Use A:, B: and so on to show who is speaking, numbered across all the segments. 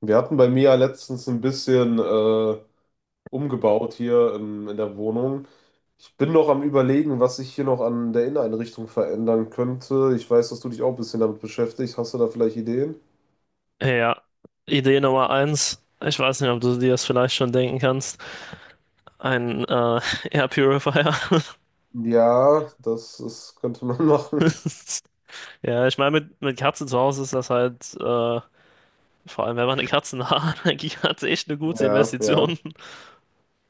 A: Wir hatten bei mir ja letztens ein bisschen umgebaut hier in der Wohnung. Ich bin noch am Überlegen, was ich hier noch an der Inneneinrichtung verändern könnte. Ich weiß, dass du dich auch ein bisschen damit beschäftigst. Hast du da vielleicht Ideen?
B: Ja, Idee Nummer eins. Ich weiß nicht, ob du dir das vielleicht schon denken kannst. Ein Air Purifier.
A: Ja, das ist, könnte man machen.
B: Ja, ich meine, mit Katze zu Hause ist das halt, vor allem wenn man eine Katzenhaarallergie hat, echt eine gute
A: Ja, ja.
B: Investition.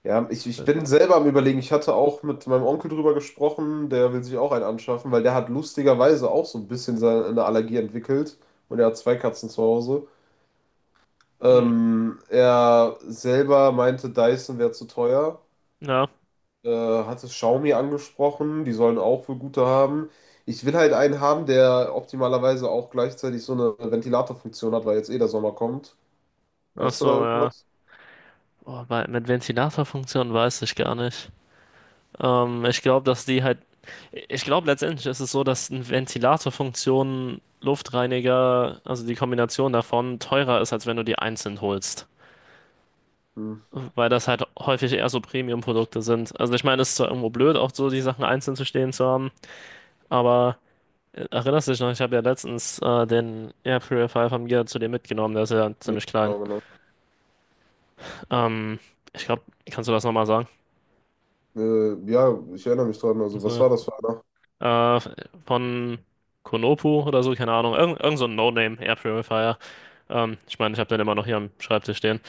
A: Ja, ich bin selber am Überlegen. Ich hatte auch mit meinem Onkel drüber gesprochen. Der will sich auch einen anschaffen, weil der hat lustigerweise auch so ein bisschen seine, eine Allergie entwickelt. Und er hat zwei Katzen zu Hause.
B: Hm,
A: Er selber meinte, Dyson wäre zu teuer.
B: ja,
A: Äh, Hatte Xiaomi angesprochen, die sollen auch wohl gute haben. Ich will halt einen haben, der optimalerweise auch gleichzeitig so eine Ventilatorfunktion hat, weil jetzt eh der Sommer kommt.
B: ach
A: Hast du da
B: so, ja.
A: irgendwas?
B: Boah, mit Ventilatorfunktion weiß ich gar nicht. Ich glaube, dass die halt. Ich glaube, letztendlich ist es so, dass eine Ventilatorfunktion, Luftreiniger, also die Kombination davon, teurer ist, als wenn du die einzeln holst.
A: Hm,
B: Weil das halt häufig eher so Premium-Produkte sind. Also, ich meine, es ist zwar irgendwo blöd, auch so die Sachen einzeln zu stehen zu haben, aber erinnerst du dich noch, ich habe ja letztens den Air Purifier von mir zu dir mitgenommen, der ist ja
A: nee,
B: ziemlich klein.
A: genau, genau.
B: Ähm, ich glaube, kannst du das nochmal sagen?
A: Ja, ich erinnere mich dran. Also, was war das für einer?
B: Äh, von Konopu oder so, keine Ahnung. Irgend so ein No-Name Air Purifier. Ich meine, ich habe den immer noch hier am Schreibtisch stehen.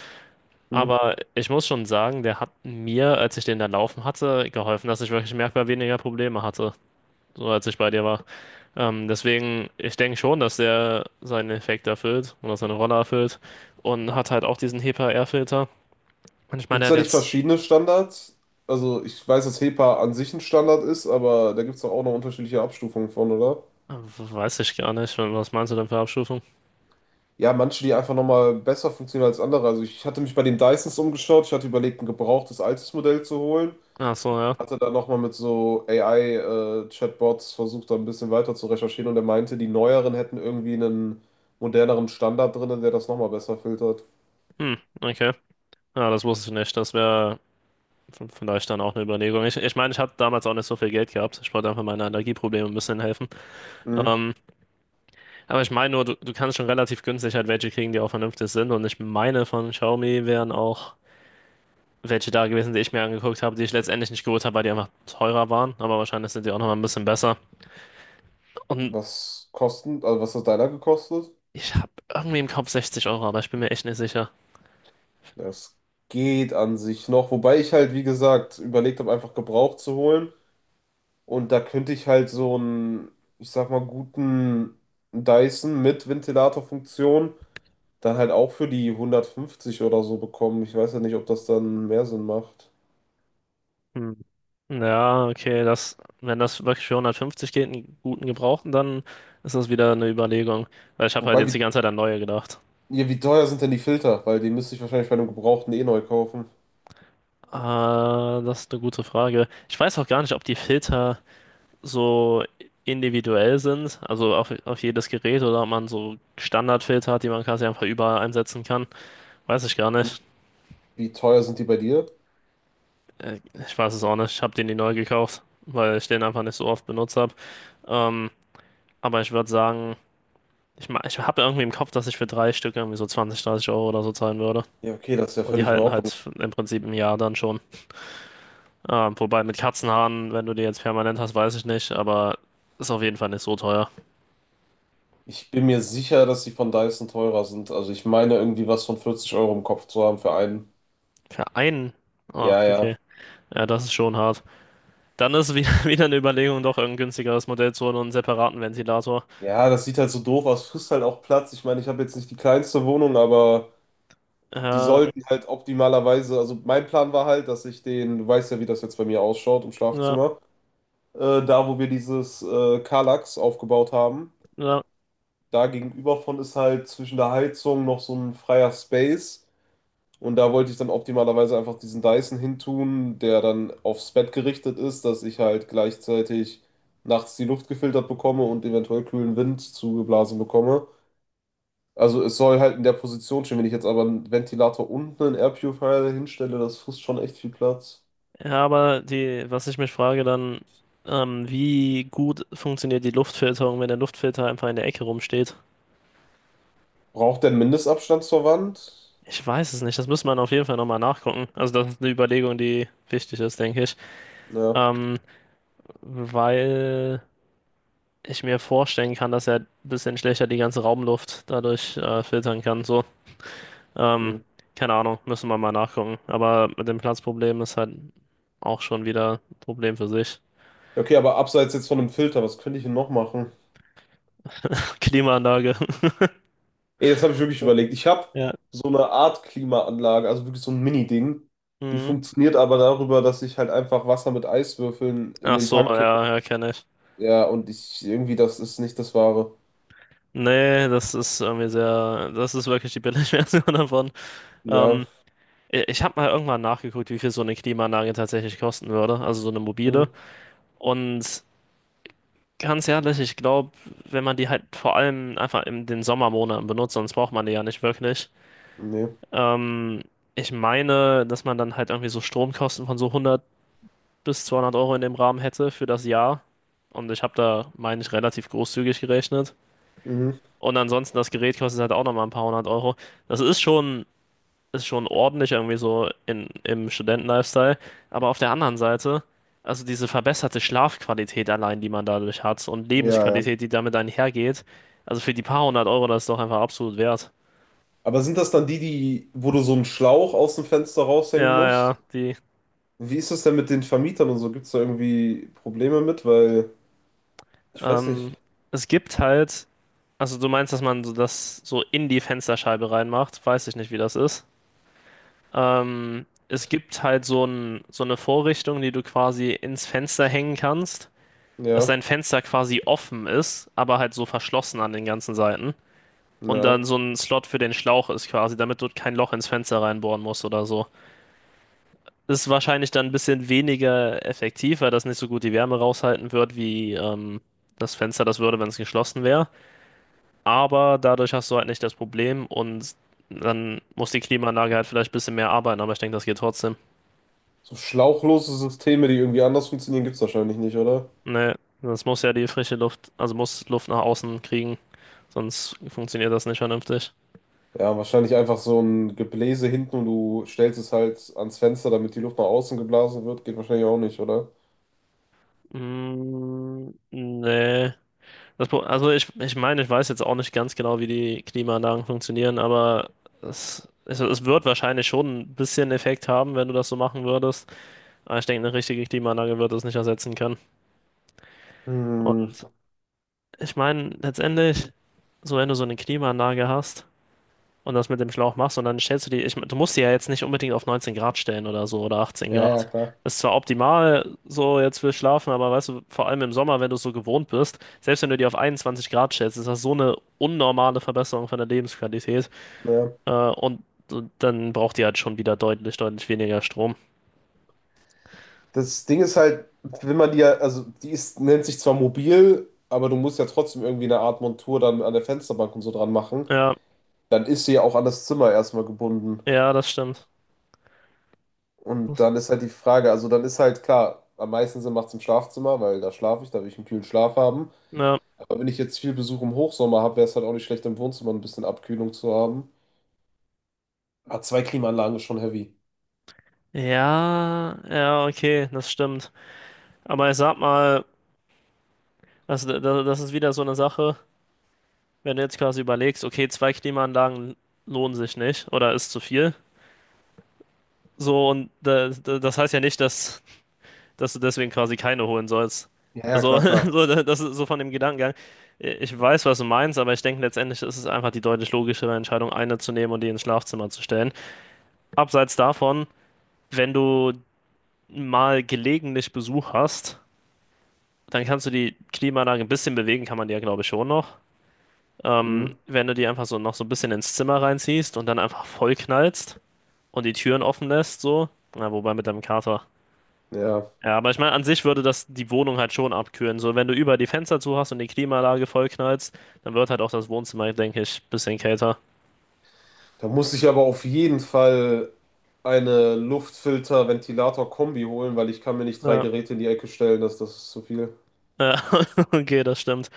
A: Hm.
B: Aber ich muss schon sagen, der hat mir, als ich den da laufen hatte, geholfen, dass ich wirklich merkbar weniger Probleme hatte, so als ich bei dir war. Deswegen, ich denke schon, dass der seinen Effekt erfüllt oder seine Rolle erfüllt und hat halt auch diesen HEPA-R-Filter. Und ich meine,
A: Gibt
B: der
A: es
B: hat
A: da nicht
B: jetzt,
A: verschiedene Standards? Also, ich weiß, dass HEPA an sich ein Standard ist, aber da gibt es doch auch noch unterschiedliche Abstufungen von, oder?
B: äh, weiß ich gar nicht, was meinst du denn für Abstufung?
A: Ja, manche, die einfach nochmal besser funktionieren als andere. Also ich hatte mich bei den Dysons umgeschaut. Ich hatte überlegt, ein gebrauchtes altes Modell zu holen.
B: Ach so, ja.
A: Hatte dann nochmal mit so AI-Chatbots versucht, da ein bisschen weiter zu recherchieren. Und er meinte, die neueren hätten irgendwie einen moderneren Standard drin, der das nochmal besser filtert.
B: Hm, okay. Ja, das wusste ich nicht. Das wäre. Von daher ist dann auch eine Überlegung. Ich meine, ich habe damals auch nicht so viel Geld gehabt. Ich wollte einfach meine Allergieprobleme ein bisschen helfen.
A: Mhm.
B: Ähm, aber ich meine nur, du kannst schon relativ günstig halt welche kriegen, die auch vernünftig sind. Und ich meine, von Xiaomi wären auch welche da gewesen, die ich mir angeguckt habe, die ich letztendlich nicht geholt habe, weil die einfach teurer waren. Aber wahrscheinlich sind die auch nochmal ein bisschen besser. Und
A: Was kosten, also was hat deiner gekostet?
B: ich habe irgendwie im Kopf 60 Euro, aber ich bin mir echt nicht sicher.
A: Das geht an sich noch. Wobei ich halt, wie gesagt, überlegt habe, einfach gebraucht zu holen. Und da könnte ich halt so einen, ich sag mal, guten Dyson mit Ventilatorfunktion dann halt auch für die 150 oder so bekommen. Ich weiß ja nicht, ob das dann mehr Sinn macht.
B: Hm. Ja, okay, das, wenn das wirklich für 150 geht, einen guten Gebrauchten, dann ist das wieder eine Überlegung. Weil ich habe halt
A: Wobei,
B: jetzt die
A: wie,
B: ganze Zeit an neue gedacht.
A: ja, wie teuer sind denn die Filter? Weil die müsste ich wahrscheinlich bei einem gebrauchten eh neu kaufen.
B: Ah, das ist eine gute Frage. Ich weiß auch gar nicht, ob die Filter so individuell sind, also auf jedes Gerät oder ob man so Standardfilter hat, die man quasi einfach überall einsetzen kann. Weiß ich gar nicht.
A: Wie teuer sind die bei dir?
B: Äh, Ich weiß es auch nicht. Ich habe den nie neu gekauft, weil ich den einfach nicht so oft benutzt habe. Ähm, aber ich würde sagen, ich habe irgendwie im Kopf, dass ich für drei Stück irgendwie so 20, 30 Euro oder so zahlen würde.
A: Ja, okay, das ist ja
B: Und die
A: völlig in
B: halten
A: Ordnung.
B: halt im Prinzip ein Jahr dann schon. Wobei mit Katzenhaaren, wenn du die jetzt permanent hast, weiß ich nicht, aber ist auf jeden Fall nicht so teuer.
A: Ich bin mir sicher, dass die von Dyson teurer sind. Also ich meine irgendwie was von 40 € im Kopf zu haben für einen.
B: Für einen? Ah,
A: Ja, ja.
B: okay. Ja, das ist schon hart. Dann ist wieder, wieder eine Überlegung, doch ein günstigeres Modell zu holen und einen separaten Ventilator.
A: Ja, das sieht halt so doof aus, frisst halt auch Platz. Ich meine, ich habe jetzt nicht die kleinste Wohnung, aber
B: Äh,
A: die
B: ja,
A: sollten halt optimalerweise, also mein Plan war halt, dass ich den, du weißt ja, wie das jetzt bei mir ausschaut im Schlafzimmer, da wo wir dieses Kallax aufgebaut haben,
B: ja.
A: da gegenüber von ist halt zwischen der Heizung noch so ein freier Space und da wollte ich dann optimalerweise einfach diesen Dyson hintun, der dann aufs Bett gerichtet ist, dass ich halt gleichzeitig nachts die Luft gefiltert bekomme und eventuell kühlen Wind zugeblasen bekomme. Also es soll halt in der Position stehen. Wenn ich jetzt aber einen Ventilator und einen Air Purifier hinstelle, das frisst schon echt viel Platz.
B: Ja, aber was ich mich frage dann, wie gut funktioniert die Luftfilterung, wenn der Luftfilter einfach in der Ecke rumsteht?
A: Braucht der einen Mindestabstand zur Wand?
B: Ich weiß es nicht, das müsste man auf jeden Fall nochmal nachgucken. Also das ist eine Überlegung, die wichtig ist, denke ich.
A: Ja.
B: Ähm, weil ich mir vorstellen kann, dass er ein bisschen schlechter die ganze Raumluft dadurch filtern kann. So, ähm,
A: Hm.
B: keine Ahnung, müssen wir mal nachgucken. Aber mit dem Platzproblem ist halt auch schon wieder ein Problem für sich.
A: Okay, aber abseits jetzt von dem Filter, was könnte ich denn noch machen?
B: Klimaanlage.
A: Ey, das habe ich wirklich überlegt. Ich habe
B: Ja.
A: so eine Art Klimaanlage, also wirklich so ein Mini-Ding. Die
B: Mhm.
A: funktioniert aber darüber, dass ich halt einfach Wasser mit Eiswürfeln in
B: Ach
A: den
B: so,
A: Tank kippe.
B: ja, ja, kenne ich.
A: Ja, und ich irgendwie, das ist nicht das Wahre.
B: Nee, das ist irgendwie sehr, das ist wirklich die Billigversion davon. Ähm,
A: Ja.
B: ich habe mal irgendwann nachgeguckt, wie viel so eine Klimaanlage tatsächlich kosten würde, also so eine mobile.
A: Hm.
B: Und ganz ehrlich, ich glaube, wenn man die halt vor allem einfach in den Sommermonaten benutzt, sonst braucht man die ja nicht wirklich.
A: Nee.
B: Ähm, ich meine, dass man dann halt irgendwie so Stromkosten von so 100 bis 200 Euro in dem Rahmen hätte für das Jahr. Und ich habe da, meine ich, relativ großzügig gerechnet.
A: Mhm.
B: Und ansonsten, das Gerät kostet halt auch nochmal ein paar hundert Euro. Das ist schon ordentlich irgendwie so in, im Studentenlifestyle. Aber auf der anderen Seite, also diese verbesserte Schlafqualität allein, die man dadurch hat und
A: Ja, ja.
B: Lebensqualität, die damit einhergeht, also für die paar hundert Euro, das ist doch einfach absolut wert.
A: Aber sind das dann die, die, wo du so einen Schlauch aus dem Fenster raushängen
B: Ja, ja,
A: musst?
B: die.
A: Wie ist das denn mit den Vermietern und so? Gibt es da irgendwie Probleme mit? Weil, ich weiß nicht.
B: Ähm, es gibt halt, also du meinst, dass man so das so in die Fensterscheibe reinmacht, weiß ich nicht, wie das ist. Es gibt halt so eine Vorrichtung, die du quasi ins Fenster hängen kannst, dass
A: Ja,
B: dein Fenster quasi offen ist, aber halt so verschlossen an den ganzen Seiten. Und
A: ja.
B: dann so ein Slot für den Schlauch ist quasi, damit du kein Loch ins Fenster reinbohren musst oder so. Ist wahrscheinlich dann ein bisschen weniger effektiv, weil das nicht so gut die Wärme raushalten wird, wie das Fenster das würde, wenn es geschlossen wäre. Aber dadurch hast du halt nicht das Problem und dann muss die Klimaanlage halt vielleicht ein bisschen mehr arbeiten, aber ich denke, das geht trotzdem.
A: So schlauchlose Systeme, die irgendwie anders funktionieren, gibt es wahrscheinlich nicht, oder?
B: Ne, das muss ja die frische Luft, also muss Luft nach außen kriegen, sonst funktioniert das nicht vernünftig.
A: Ja, wahrscheinlich einfach so ein Gebläse hinten und du stellst es halt ans Fenster, damit die Luft nach außen geblasen wird, geht wahrscheinlich auch nicht, oder?
B: Mm, nee. Also ich meine, ich weiß jetzt auch nicht ganz genau, wie die Klimaanlagen funktionieren, aber es wird wahrscheinlich schon ein bisschen Effekt haben, wenn du das so machen würdest. Aber ich denke, eine richtige Klimaanlage wird das nicht ersetzen können.
A: Hm,
B: Und ich meine, letztendlich, so wenn du so eine Klimaanlage hast, und das mit dem Schlauch machst und dann stellst du die, du musst die ja jetzt nicht unbedingt auf 19 Grad stellen oder so oder 18
A: ja, ja,
B: Grad.
A: klar.
B: Das ist zwar optimal so jetzt für Schlafen, aber weißt du, vor allem im Sommer, wenn du es so gewohnt bist, selbst wenn du die auf 21 Grad stellst, ist das so eine unnormale Verbesserung von der Lebensqualität
A: Ja.
B: äh, und und dann braucht die halt schon wieder deutlich, deutlich weniger Strom.
A: Das Ding ist halt, wenn man die ja, also die ist, nennt sich zwar mobil, aber du musst ja trotzdem irgendwie eine Art Montur dann an der Fensterbank und so dran machen.
B: Ja,
A: Dann ist sie ja auch an das Zimmer erstmal gebunden.
B: ja, das stimmt.
A: Und
B: Das,
A: dann ist halt die Frage, also dann ist halt klar, am meisten Sinn macht es im Schlafzimmer, weil da schlafe ich, da will ich einen kühlen Schlaf haben.
B: ja.
A: Aber wenn ich jetzt viel Besuch im Hochsommer habe, wäre es halt auch nicht schlecht, im Wohnzimmer ein bisschen Abkühlung zu haben. Aber zwei Klimaanlagen ist schon heavy.
B: Ja, ja, okay, das stimmt. Aber ich sag mal, also, das ist wieder so eine Sache. Wenn du jetzt quasi überlegst, okay, zwei Klimaanlagen lohnen sich nicht oder ist zu viel. So, und da, das heißt ja nicht, dass du deswegen quasi keine holen sollst.
A: Ja, ja,
B: Also,
A: klar, klar.
B: so, das ist so von dem Gedankengang. Ich weiß, was du meinst, aber ich denke, letztendlich ist es einfach die deutlich logischere Entscheidung, eine zu nehmen und die ins Schlafzimmer zu stellen. Abseits davon, wenn du mal gelegentlich Besuch hast, dann kannst du die Klimaanlage ein bisschen bewegen, kann man die ja, glaube ich, schon noch. Ähm,
A: Mhm.
B: wenn du die einfach so noch so ein bisschen ins Zimmer reinziehst und dann einfach voll knallst und die Türen offen lässt, so. Na, wobei mit deinem Kater.
A: Ja.
B: Ja, aber ich meine, an sich würde das die Wohnung halt schon abkühlen. So, wenn du über die Fenster zu hast und die Klimaanlage vollknallst, dann wird halt auch das Wohnzimmer, denke ich, ein bisschen kälter.
A: Da muss ich aber auf jeden Fall eine Luftfilter-Ventilator-Kombi holen, weil ich kann mir nicht drei
B: Ja.
A: Geräte in die Ecke stellen, das, das ist zu viel.
B: Ja, okay, das stimmt.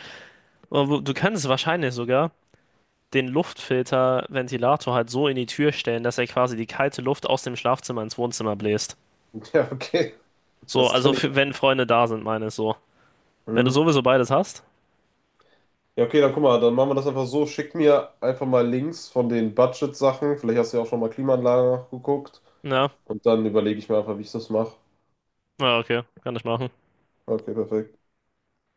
B: Aber du kannst wahrscheinlich sogar den Luftfilter-Ventilator halt so in die Tür stellen, dass er quasi die kalte Luft aus dem Schlafzimmer ins Wohnzimmer bläst.
A: Ja, okay,
B: So,
A: das
B: also
A: kann ich.
B: für, wenn Freunde da sind, meine ich so. Wenn du
A: Hm.
B: sowieso beides hast,
A: Ja, okay, dann guck mal, dann machen wir das einfach so. Schick mir einfach mal Links von den Budget-Sachen. Vielleicht hast du ja auch schon mal Klimaanlagen nachgeguckt.
B: ja,
A: Und dann überlege ich mir einfach, wie ich das mache.
B: ja, okay, kann ich machen.
A: Okay, perfekt.